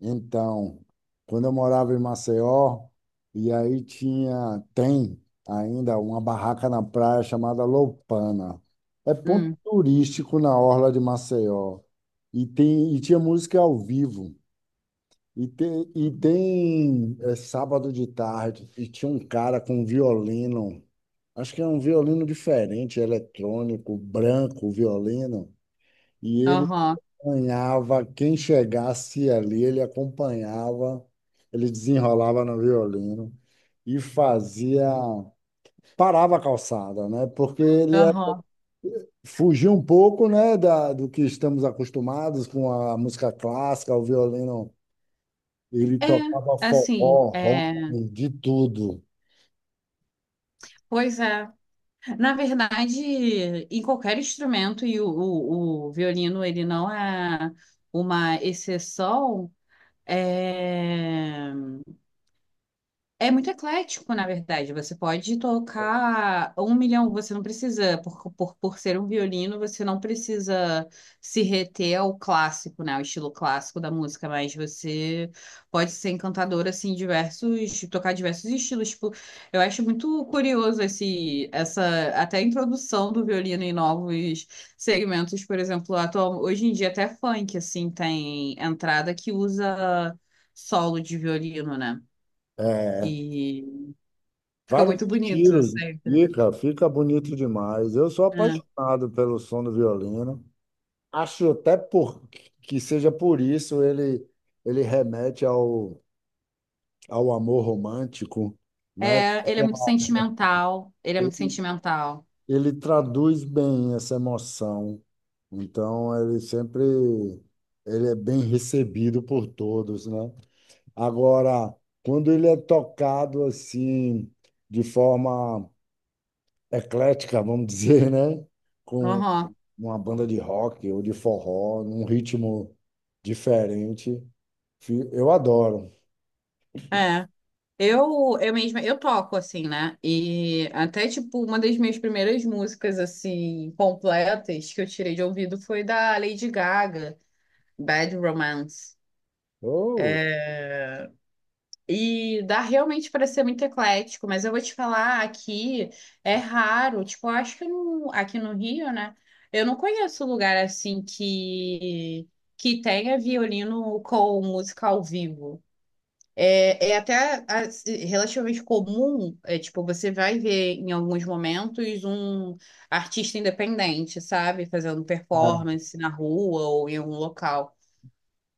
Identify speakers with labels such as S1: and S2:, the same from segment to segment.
S1: Então, quando eu morava em Maceió, tem ainda uma barraca na praia chamada Loupana. É ponto
S2: Hum,
S1: turístico na orla de Maceió. E tinha música ao vivo. Sábado de tarde, e tinha um cara com um violino. Acho que é um violino diferente, eletrônico, branco, violino. E ele
S2: aham,
S1: acompanhava, quem chegasse ali, ele acompanhava, ele desenrolava no violino e fazia, parava a calçada, né?
S2: aham.
S1: Fugia um pouco, né, do que estamos acostumados com a música clássica, o violino, ele
S2: É,
S1: tocava
S2: assim,
S1: forró,
S2: é,
S1: rock, de tudo.
S2: pois é. Na verdade, em qualquer instrumento, e o violino, ele não é uma exceção, é, é muito eclético, na verdade. Você pode tocar um milhão, você não precisa, por ser um violino, você não precisa se reter ao clássico, né? Ao estilo clássico da música, mas você pode ser encantador, assim, diversos, tocar diversos estilos. Tipo, eu acho muito curioso até a introdução do violino em novos segmentos, por exemplo, atual, hoje em dia até funk, assim, tem entrada que usa solo de violino, né?
S1: É,
S2: E fica
S1: vários
S2: muito bonito
S1: estilos,
S2: sempre.
S1: fica bonito demais. Eu sou
S2: É.
S1: apaixonado pelo som do violino. Acho até por, que seja por isso ele remete ao, ao amor romântico, né?
S2: É, ele é muito sentimental. Ele é muito
S1: Ele,
S2: sentimental.
S1: ele traduz bem essa emoção. Então, ele sempre ele é bem recebido por todos, né? Agora, quando ele é tocado assim, de forma eclética, vamos dizer, né? Com
S2: Aham.
S1: uma banda de rock ou de forró, num ritmo diferente. Eu adoro.
S2: É. Eu mesma, eu toco, assim, né? E até, tipo, uma das minhas primeiras músicas, assim, completas que eu tirei de ouvido foi da Lady Gaga, Bad Romance.
S1: Oh,
S2: É, e dá realmente para ser muito eclético, mas eu vou te falar, aqui é raro, tipo, eu acho que aqui no Rio, né? Eu não conheço lugar assim que tenha violino com música ao vivo. É, é até assim, relativamente comum, tipo, você vai ver em alguns momentos um artista independente, sabe? Fazendo
S1: ah,
S2: performance na rua ou em algum local.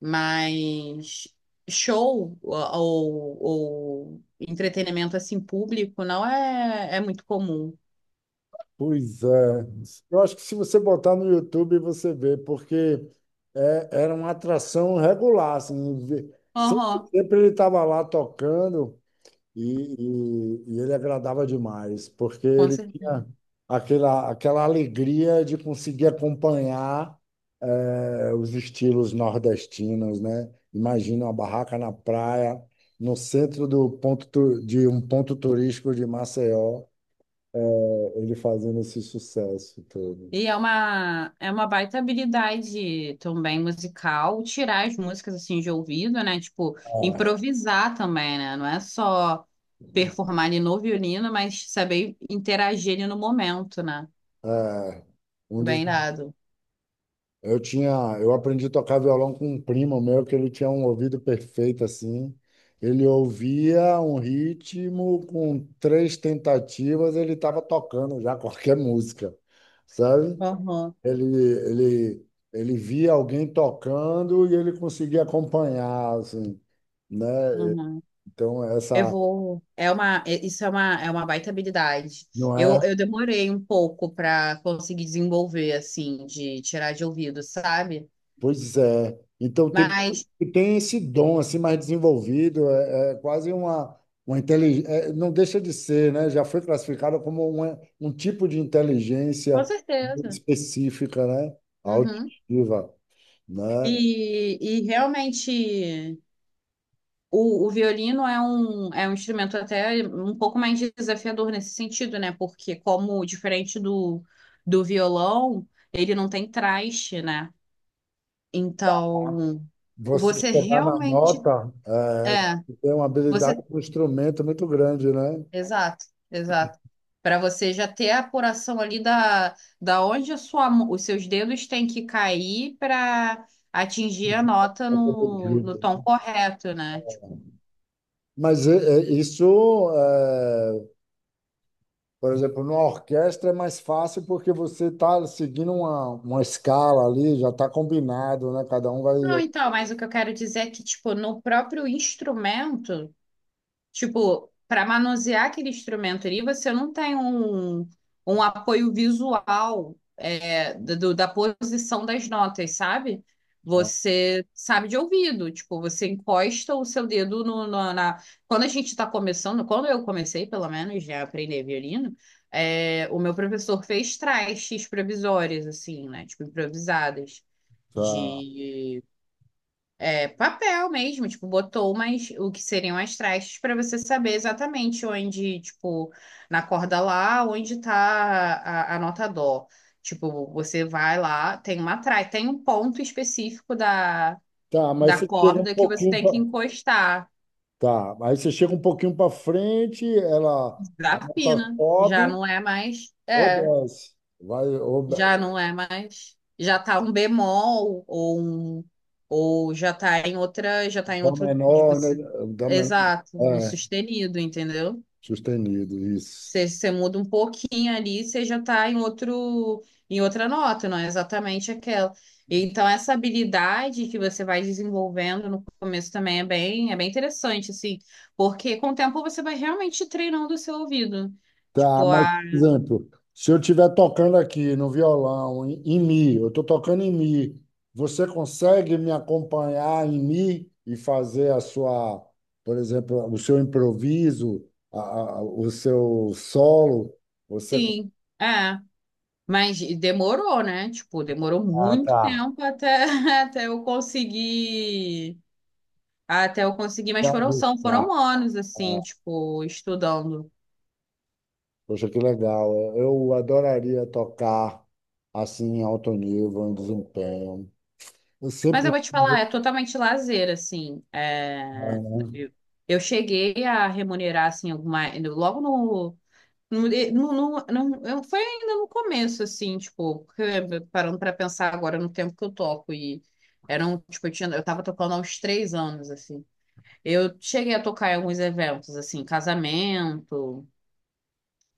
S2: Mas show ou entretenimento assim público não é muito comum.
S1: pois é. Eu acho que se você botar no YouTube, você vê, porque era uma atração regular, assim,
S2: Aham,
S1: sempre ele estava lá tocando. E ele agradava demais, porque
S2: com
S1: ele tinha
S2: certeza.
S1: aquela alegria de conseguir acompanhar os estilos nordestinos, né? Imagina uma barraca na praia, no centro do ponto, de um ponto turístico de Maceió, ele fazendo esse sucesso todo.
S2: E é uma baita habilidade também musical, tirar as músicas assim de ouvido, né? Tipo,
S1: É,
S2: improvisar também, né? Não é só performar ali no violino, mas saber interagir ali no momento, né?
S1: é, um dos
S2: Bem dado.
S1: Eu tinha, eu aprendi a tocar violão com um primo meu que ele tinha um ouvido perfeito assim. Ele ouvia um ritmo com 3 tentativas, ele estava tocando já qualquer música, sabe?
S2: Aham,
S1: Ele, ele, ele via alguém tocando e ele conseguia acompanhar, assim, né?
S2: uhum.
S1: Então
S2: Eu
S1: essa
S2: vou. Isso é uma baita habilidade.
S1: não é
S2: Eu demorei um pouco para conseguir desenvolver, assim, de tirar de ouvido, sabe?
S1: pois é. Então tem,
S2: Mas,
S1: tem esse dom assim mais desenvolvido, é quase uma inteligência, não deixa de ser, né? Já foi classificada como uma, um tipo de
S2: com
S1: inteligência
S2: certeza.
S1: específica, né?
S2: Uhum.
S1: Auditiva, né?
S2: E realmente, o violino é um instrumento até um pouco mais desafiador nesse sentido, né? Porque, como diferente do violão, ele não tem traste, né? Então,
S1: Você
S2: você
S1: chegar na
S2: realmente.
S1: nota,
S2: É.
S1: é, tem uma
S2: Você
S1: habilidade com um instrumento muito grande, né?
S2: exato, exato. Para você já ter a apuração ali da, da onde a sua, os seus dedos têm que cair para atingir a nota
S1: Pra poder
S2: no, no
S1: grito.
S2: tom correto, né? Tipo,
S1: Mas isso é, por exemplo, numa orquestra é mais fácil porque você está seguindo uma escala ali, já está combinado, né? Cada um vai.
S2: não,
S1: Né?
S2: então, mas o que eu quero dizer é que, tipo, no próprio instrumento, tipo, para manusear aquele instrumento ali, você não tem um, um apoio visual do- da posição das notas, sabe? Você sabe de ouvido, tipo, você encosta o seu dedo na. Quando a gente está começando, quando eu comecei, pelo menos, a aprender violino, o meu professor fez trastes provisórias, assim, né? Tipo, improvisadas
S1: Tá,
S2: de papel mesmo, tipo, botou umas, o que seriam as trastes para você saber exatamente onde, tipo, na corda lá, onde tá a nota dó. Tipo, você vai lá, tem uma traste, tem um ponto específico
S1: tá, mas
S2: da
S1: você chega um
S2: corda que você
S1: pouquinho
S2: tem
S1: pra...
S2: que encostar.
S1: Tá, aí você chega um pouquinho para frente, ela a
S2: Da
S1: nota
S2: fina, já
S1: sobe
S2: não é mais,
S1: ou desce. Vai, ou,
S2: já não é mais, já tá um bemol ou um, ou já tá em outra, já tá em
S1: dó
S2: outro,
S1: menor, né? Dó menor.
S2: exato, no
S1: É,
S2: sustenido, entendeu?
S1: sustenido, isso.
S2: Você muda um pouquinho ali, você já está em outro, em outra nota, não é exatamente aquela. Então, essa habilidade que você vai desenvolvendo no começo também é bem interessante, assim, porque com o tempo você vai realmente treinando o seu ouvido.
S1: Tá,
S2: Tipo,
S1: mas,
S2: ah,
S1: por exemplo, se eu estiver tocando aqui no violão, em mi, eu estou tocando em mi, você consegue me acompanhar em mi e fazer a sua, por exemplo, o seu improviso, o seu solo? Você...
S2: sim, é. Mas demorou, né? Tipo, demorou
S1: Ah,
S2: muito
S1: tá.
S2: tempo até, até eu conseguir, até eu conseguir, mas
S1: Tá,
S2: foram, são,
S1: tá.
S2: foram anos, assim,
S1: Tá.
S2: tipo, estudando.
S1: Poxa, que legal. Eu adoraria tocar assim em alto nível, em desempenho. Eu
S2: Mas eu
S1: sempre.
S2: vou te
S1: Quis, né?
S2: falar, é totalmente lazer, assim. Eu, eu cheguei a remunerar, assim, alguma. Logo no. no, no, no- foi ainda no começo, assim, tipo, porque, parando para pensar agora no tempo que eu toco. E eram, tipo, eu tinha, eu tava tocando há uns 3 anos, assim. Eu cheguei a tocar em alguns eventos, assim, casamento,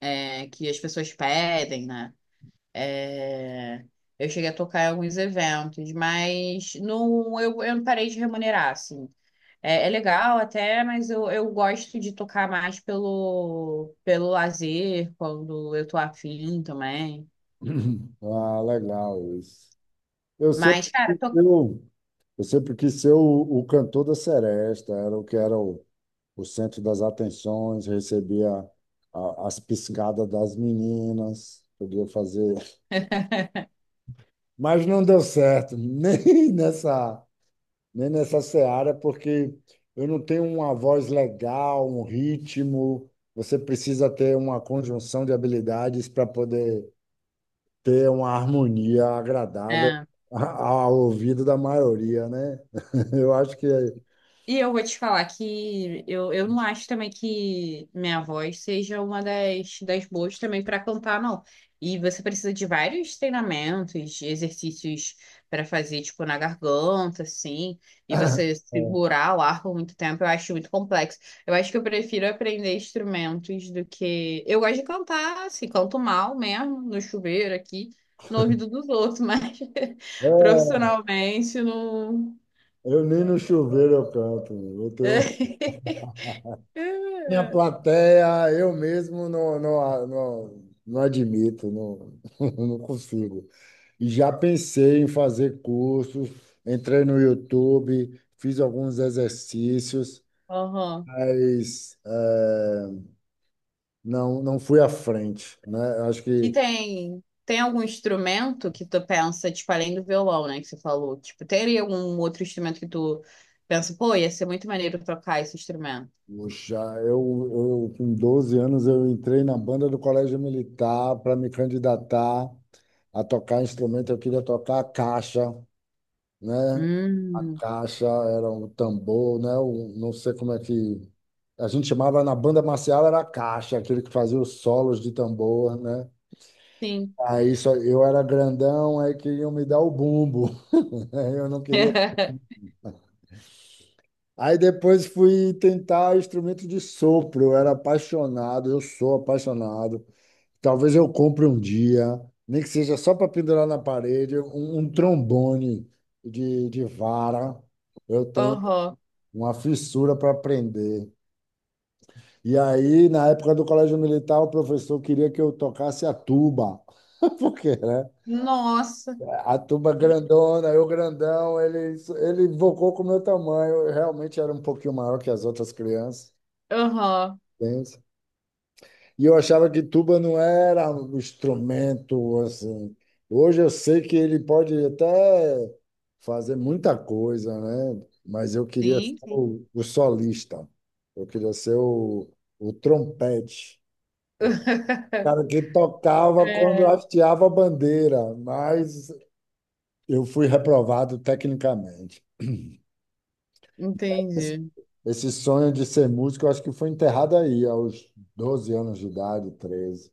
S2: que as pessoas pedem, né? É, eu cheguei a tocar em alguns eventos, mas não, eu não parei de remunerar, assim. É, é legal até, mas eu gosto de tocar mais pelo lazer, quando eu tô afim também.
S1: Ah, legal isso. Eu sempre
S2: Mas, cara,
S1: quis ser
S2: to...
S1: o, eu sempre quis ser o cantor da seresta, era o que era o centro das atenções, recebia as piscadas das meninas, podia fazer. Mas não deu certo, nem nessa, nem nessa seara, porque eu não tenho uma voz legal, um ritmo. Você precisa ter uma conjunção de habilidades para poder ter uma harmonia agradável ao ouvido da maioria, né? Eu acho que é,
S2: E eu vou te falar que eu não acho também que minha voz seja uma das boas também para cantar, não. E você precisa de vários treinamentos, de exercícios para fazer, tipo, na garganta, assim, e você
S1: É,
S2: segurar o ar por muito tempo, eu acho muito complexo. Eu acho que eu prefiro aprender instrumentos do que. Eu gosto de cantar, assim, canto mal mesmo, no chuveiro aqui, no ouvido dos outros, mas
S1: é,
S2: profissionalmente não.
S1: eu nem no chuveiro eu canto. Eu tenho minha
S2: Ah,
S1: plateia, eu mesmo não admito, não, não consigo. E já pensei em fazer cursos, entrei no YouTube, fiz alguns exercícios,
S2: aham.
S1: mas não fui à frente, né? Acho
S2: E
S1: que
S2: tem, tem algum instrumento que tu pensa, tipo, além do violão, né, que você falou? Tipo, teria algum outro instrumento que tu pensa, pô, ia ser muito maneiro tocar esse instrumento?
S1: puxa, eu com 12 anos eu entrei na banda do Colégio Militar para me candidatar a tocar instrumento. Eu queria tocar a caixa, né? A
S2: Hum,
S1: caixa era um tambor, né? Um, não sei como é que a gente chamava na banda marcial era a caixa, aquele que fazia os solos de tambor, né?
S2: sim.
S1: Aí só, eu era grandão, aí queriam me dar o bumbo. Eu não queria. Aí depois fui tentar instrumento de sopro. Eu era apaixonado, eu sou apaixonado. Talvez eu compre um dia, nem que seja só para pendurar na parede, um trombone de vara. Eu tenho
S2: Aham.
S1: uma fissura para aprender. E aí, na época do colégio militar, o professor queria que eu tocasse a tuba. Porque, né?
S2: Nossa.
S1: A tuba grandona, eu grandão, ele invocou com o meu tamanho. Eu realmente era um pouquinho maior que as outras crianças.
S2: Aham.
S1: Entende? E eu achava que tuba não era um instrumento assim. Hoje eu sei que ele pode até fazer muita coisa, né? Mas eu queria ser
S2: Sim, sim.
S1: o solista. Eu queria ser o trompete. O cara que tocava quando
S2: É,
S1: hasteava a bandeira, mas eu fui reprovado tecnicamente. Esse
S2: entendi.
S1: esse sonho de ser músico, eu acho que foi enterrado aí, aos 12 anos de idade, 13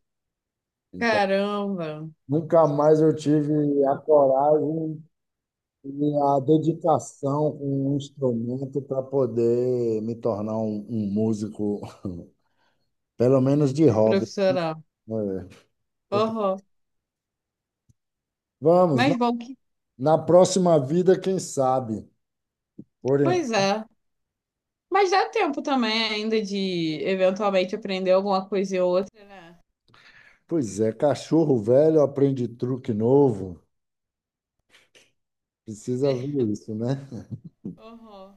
S1: então
S2: Caramba,
S1: nunca mais eu tive a coragem e a dedicação com um instrumento para poder me tornar um músico, pelo menos de hobby.
S2: profissional.
S1: É.
S2: Aham.
S1: Vamos, na,
S2: Mas bom que.
S1: na próxima vida, quem sabe? Por, en-
S2: Pois é. Mas dá tempo também ainda de eventualmente aprender alguma coisa ou outra, né?
S1: pois é, cachorro velho aprende truque novo. Precisa ver isso, né?
S2: Uhum.